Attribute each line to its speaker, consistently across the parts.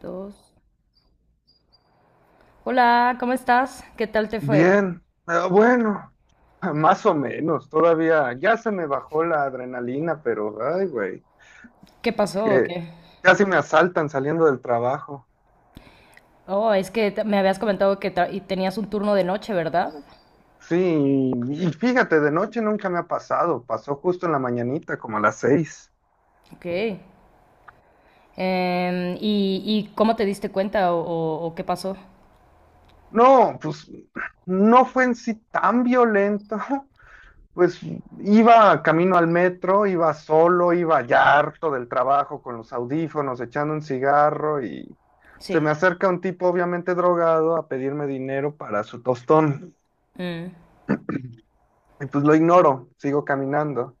Speaker 1: Dos. Hola, ¿cómo estás? ¿Qué tal te fue?
Speaker 2: Bien, bueno, más o menos, todavía ya se me bajó la adrenalina, pero ay, güey,
Speaker 1: ¿Qué pasó o
Speaker 2: que
Speaker 1: qué?
Speaker 2: casi me asaltan saliendo del trabajo.
Speaker 1: Oh, es que me habías comentado que tenías un turno de noche, ¿verdad?
Speaker 2: Sí, y fíjate, de noche nunca me ha pasado, pasó justo en la mañanita, como a las 6.
Speaker 1: Ok. ¿Y, cómo te diste cuenta o, o qué pasó?
Speaker 2: No, pues no fue en sí tan violento. Pues iba camino al metro, iba solo, iba ya harto del trabajo con los audífonos, echando un cigarro y se
Speaker 1: Sí.
Speaker 2: me acerca un tipo obviamente drogado a pedirme dinero para su tostón.
Speaker 1: Mm.
Speaker 2: Y pues lo ignoro, sigo caminando.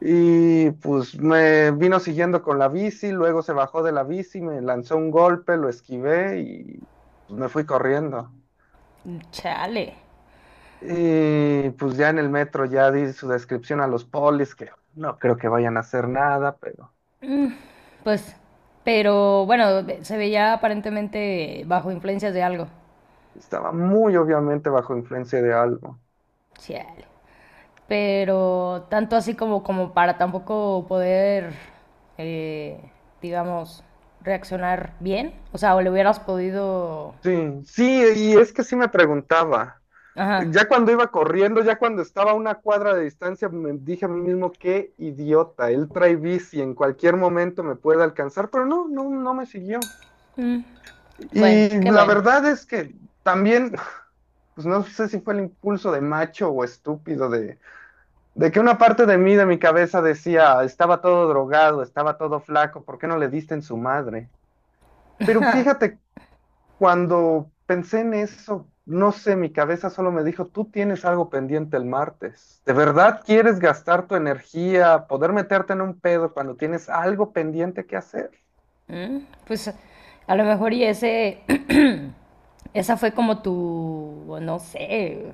Speaker 2: Y pues me vino siguiendo con la bici, luego se bajó de la bici, me lanzó un golpe, lo esquivé y pues, me fui corriendo.
Speaker 1: Chale.
Speaker 2: Y pues ya en el metro ya di su descripción a los polis, que no creo que vayan a hacer nada, pero
Speaker 1: Pues, pero bueno, se veía aparentemente bajo influencias de algo.
Speaker 2: estaba muy obviamente bajo influencia de algo.
Speaker 1: Chale. Pero tanto así como, como para tampoco poder, eh, digamos, reaccionar bien. O sea, o le hubieras podido...
Speaker 2: Sí, sí, y es que sí me preguntaba.
Speaker 1: Ajá.
Speaker 2: Ya cuando iba corriendo, ya cuando estaba a una cuadra de distancia, me dije a mí mismo, qué idiota, él trae bici, en cualquier momento me puede alcanzar, pero no, no, no me siguió.
Speaker 1: Mm. Bueno,
Speaker 2: Y
Speaker 1: qué
Speaker 2: la
Speaker 1: bueno.
Speaker 2: verdad es que también, pues no sé si fue el impulso de macho o estúpido de que una parte de mí, de mi cabeza decía, estaba todo drogado, estaba todo flaco, ¿por qué no le diste en su madre? Pero fíjate, cuando pensé en eso, no sé, mi cabeza solo me dijo, tú tienes algo pendiente el martes. ¿De verdad quieres gastar tu energía, poder meterte en un pedo cuando tienes algo pendiente que hacer?
Speaker 1: Mm. Pues a lo mejor y ese... Esa fue como tu, o no sé,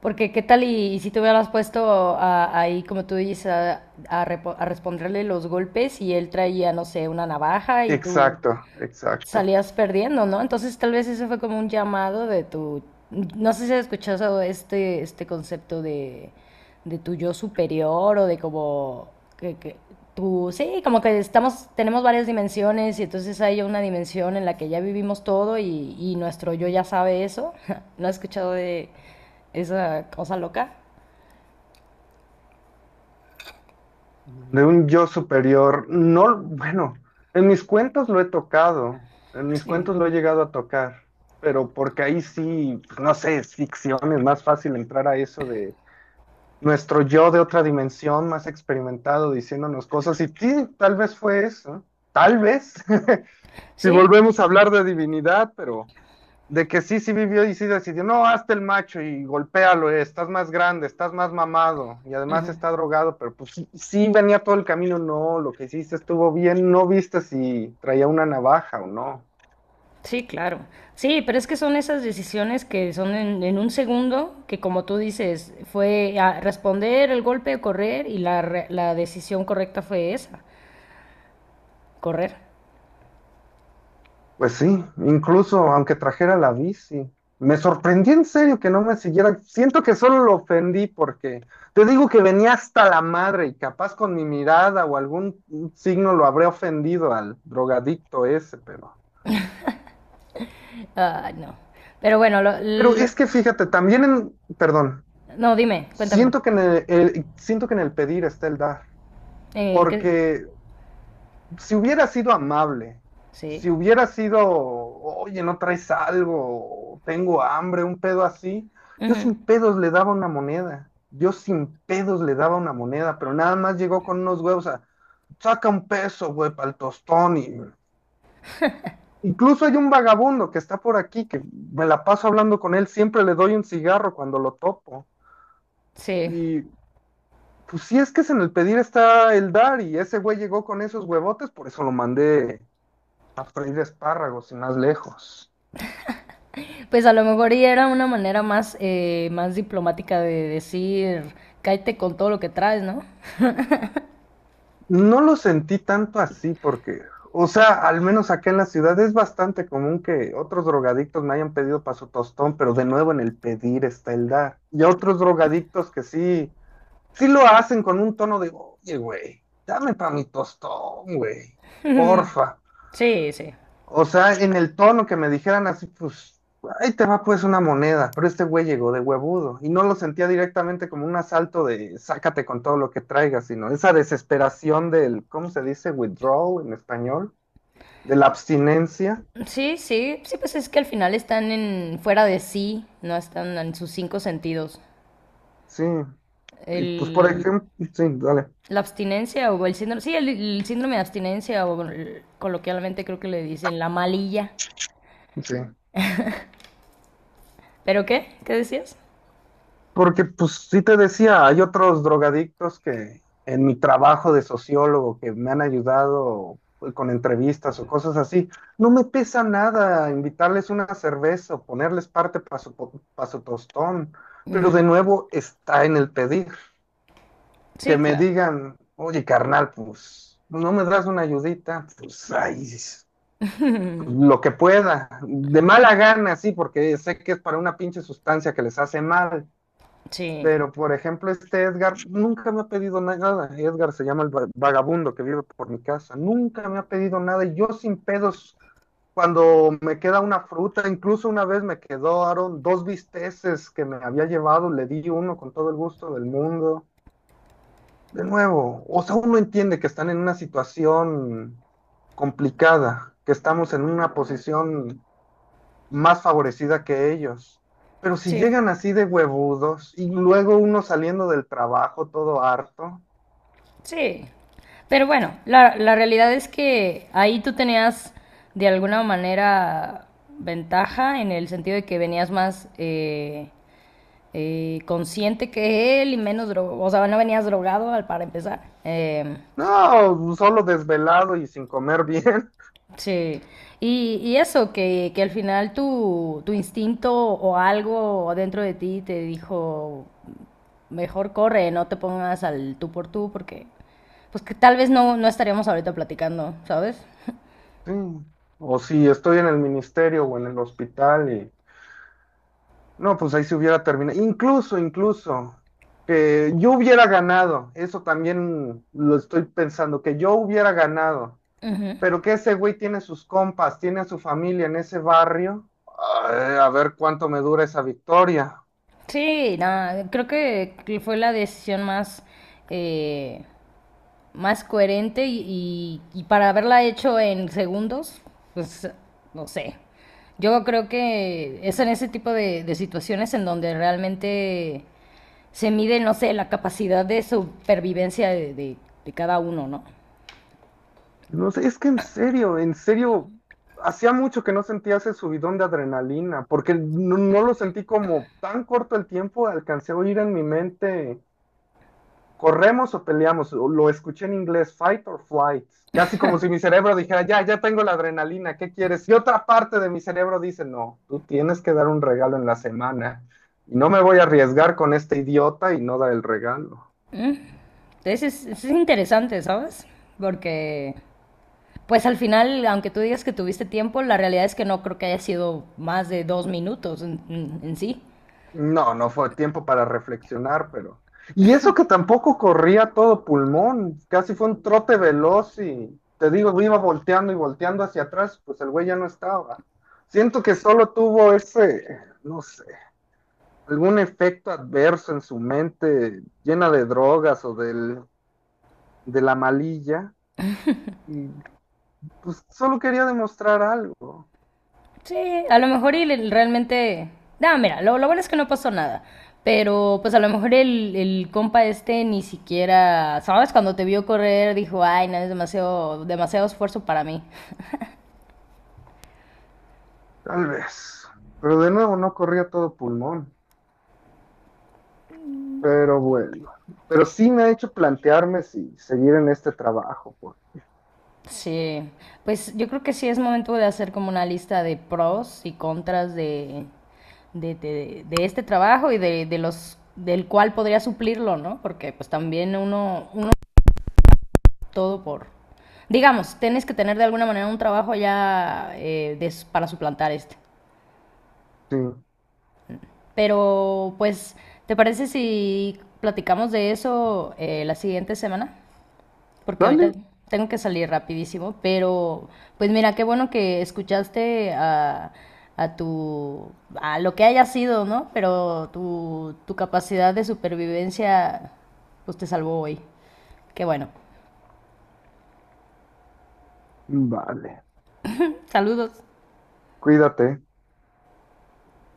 Speaker 1: porque qué tal y si te hubieras puesto ahí, como tú dices, a, a responderle los golpes y él traía, no sé, una navaja y tú...
Speaker 2: Exacto, exacto.
Speaker 1: salías perdiendo, ¿no? Entonces tal vez eso fue como un llamado de tu, no sé si has escuchado este concepto de tu yo superior o de como que tú sí, como que estamos, tenemos varias dimensiones y entonces hay una dimensión en la que ya vivimos todo y nuestro yo ya sabe eso. ¿No has escuchado de esa cosa loca?
Speaker 2: De un yo superior, no, bueno, en mis cuentos lo he tocado, en mis
Speaker 1: Sí.
Speaker 2: cuentos lo he llegado a tocar, pero porque ahí sí, pues, no sé, es ficción, es más fácil entrar a eso de nuestro yo de otra dimensión más experimentado diciéndonos cosas y sí, tal vez fue eso, tal vez, si
Speaker 1: ¿Sí?
Speaker 2: volvemos a hablar de divinidad, pero de que sí, sí vivió y sí decidió, no, hazte el macho y golpéalo, estás más grande, estás más mamado y además está drogado, pero pues sí, sí venía todo el camino, no, lo que hiciste estuvo bien, no viste si traía una navaja o no.
Speaker 1: Sí, claro. Sí, pero es que son esas decisiones que son en un segundo, que como tú dices, fue a responder el golpe o correr y la decisión correcta fue esa, correr.
Speaker 2: Pues sí, incluso aunque trajera la bici. Me sorprendí en serio que no me siguiera. Siento que solo lo ofendí porque te digo que venía hasta la madre y capaz con mi mirada o algún signo lo habré ofendido al drogadicto ese, pero.
Speaker 1: Ah, no. Pero bueno,
Speaker 2: Pero es que fíjate, también perdón,
Speaker 1: no, dime, cuéntame.
Speaker 2: siento que en siento que en el pedir está el dar,
Speaker 1: ¿En qué?
Speaker 2: porque si hubiera sido amable,
Speaker 1: Sí.
Speaker 2: si hubiera sido, oye, no traes algo, tengo hambre, un pedo así, yo
Speaker 1: Ujú.
Speaker 2: sin pedos le daba una moneda, yo sin pedos le daba una moneda, pero nada más llegó con unos huevos a, saca un peso, güey, para el tostón y... Incluso hay un vagabundo que está por aquí, que me la paso hablando con él, siempre le doy un cigarro cuando lo topo.
Speaker 1: Sí.
Speaker 2: Y pues sí es que es en el pedir está el dar, y ese güey llegó con esos huevotes, por eso lo mandé a freír espárragos y más lejos.
Speaker 1: Pues a lo mejor y era una manera más, más diplomática de decir, cállate con todo lo que traes, ¿no?
Speaker 2: No lo sentí tanto así porque, o sea, al menos acá en la ciudad es bastante común que otros drogadictos me hayan pedido para su tostón, pero de nuevo en el pedir está el dar. Y otros drogadictos que sí, sí lo hacen con un tono de, oye, güey, dame para mi tostón, güey, porfa.
Speaker 1: Sí, sí.
Speaker 2: O sea, en el tono que me dijeran así, pues, ahí te va pues una moneda, pero este güey llegó de huevudo y no lo sentía directamente como un asalto de sácate con todo lo que traigas, sino esa desesperación del, ¿cómo se dice? Withdrawal en español, de la abstinencia,
Speaker 1: Sí, sí, sí, pues es que al final están en fuera de sí, no están en sus cinco sentidos.
Speaker 2: sí. Y pues, por
Speaker 1: El,
Speaker 2: ejemplo, sí, dale,
Speaker 1: la abstinencia o el síndrome, sí, el síndrome de abstinencia o coloquialmente creo que le dicen la malilla.
Speaker 2: sí.
Speaker 1: ¿Pero qué? ¿Qué decías?
Speaker 2: Porque, pues, sí te decía, hay otros drogadictos que en mi trabajo de sociólogo que me han ayudado pues, con entrevistas o cosas así, no me pesa nada invitarles una cerveza o ponerles parte para su, pa' su tostón, pero
Speaker 1: Ujú.
Speaker 2: de nuevo está en el pedir, que
Speaker 1: Sí,
Speaker 2: me
Speaker 1: claro.
Speaker 2: digan, oye, carnal, pues, no me das una ayudita, pues, ahí lo que pueda, de mala gana, sí, porque sé que es para una pinche sustancia que les hace mal,
Speaker 1: Sí,
Speaker 2: pero, por ejemplo, este Edgar nunca me ha pedido nada. Edgar se llama el vagabundo que vive por mi casa. Nunca me ha pedido nada. Y yo sin pedos, cuando me queda una fruta, incluso una vez me quedaron dos bisteces que me había llevado, le di uno con todo el gusto del mundo. De nuevo, o sea, uno entiende que están en una situación complicada, que estamos en una posición más favorecida que ellos. Pero si
Speaker 1: sí,
Speaker 2: llegan así de huevudos y luego uno saliendo del trabajo todo harto,
Speaker 1: sí. Pero bueno, la realidad es que ahí tú tenías de alguna manera ventaja en el sentido de que venías más consciente que él y menos drogado, o sea, no venías drogado para empezar.
Speaker 2: no, solo desvelado y sin comer bien.
Speaker 1: Sí, y eso, que al final tu instinto o algo dentro de ti te dijo, mejor corre, no te pongas al tú por tú, porque pues que tal vez no, no estaríamos ahorita platicando, ¿sabes?
Speaker 2: Sí. O si estoy en el ministerio o en el hospital y no, pues ahí se hubiera terminado. Incluso, incluso que yo hubiera ganado, eso también lo estoy pensando, que yo hubiera ganado,
Speaker 1: Ujú.
Speaker 2: pero que ese güey tiene sus compas, tiene a su familia en ese barrio. Ay, a ver cuánto me dura esa victoria.
Speaker 1: Sí, nada, creo que fue la decisión más eh, más coherente y para haberla hecho en segundos, pues no sé. Yo creo que es en ese tipo de situaciones en donde realmente se mide, no sé, la capacidad de supervivencia de cada uno, ¿no?
Speaker 2: No sé, es que en serio, hacía mucho que no sentía ese subidón de adrenalina, porque no, no lo sentí como tan corto el tiempo, alcancé a oír en mi mente, corremos o peleamos, o lo escuché en inglés, fight or flight, casi como si mi cerebro dijera, ya, ya tengo la adrenalina, ¿qué quieres? Y otra parte de mi cerebro dice, no, tú tienes que dar un regalo en la semana, y no me voy a arriesgar con este idiota y no dar el regalo.
Speaker 1: Entonces es interesante, ¿sabes? Porque, pues al final, aunque tú digas que tuviste tiempo, la realidad es que no creo que haya sido más de dos minutos en, en sí.
Speaker 2: No, no fue tiempo para reflexionar, pero... Y eso que tampoco corría todo pulmón, casi fue un trote veloz y te digo, iba volteando y volteando hacia atrás, pues el güey ya no estaba. Siento que solo tuvo ese, no sé, algún efecto adverso en su mente, llena de drogas o del, de la malilla, y pues solo quería demostrar algo,
Speaker 1: Sí, a lo mejor y realmente... No, mira, lo bueno es que no pasó nada. Pero pues a lo mejor el compa este ni siquiera, ¿sabes? Cuando te vio correr dijo, ay, no, es demasiado, demasiado esfuerzo para mí.
Speaker 2: tal vez. Pero de nuevo no corría todo pulmón. Pero bueno, pero sí me ha hecho plantearme si seguir en este trabajo. Pues.
Speaker 1: Sí, pues yo creo que sí es momento de hacer como una lista de pros y contras de, de este trabajo y de los del cual podría suplirlo, ¿no? Porque pues también uno, uno todo por... Digamos, tienes que tener de alguna manera un trabajo ya para suplantar este.
Speaker 2: Sí.
Speaker 1: Pero, pues, ¿te parece si platicamos de eso la siguiente semana? Porque
Speaker 2: Vale,
Speaker 1: ahorita tengo que salir rapidísimo. Pero, pues mira, qué bueno que escuchaste a tu... a lo que haya sido, ¿no? Pero tu capacidad de supervivencia, pues te salvó hoy. Qué bueno.
Speaker 2: vale.
Speaker 1: Saludos.
Speaker 2: Cuídate.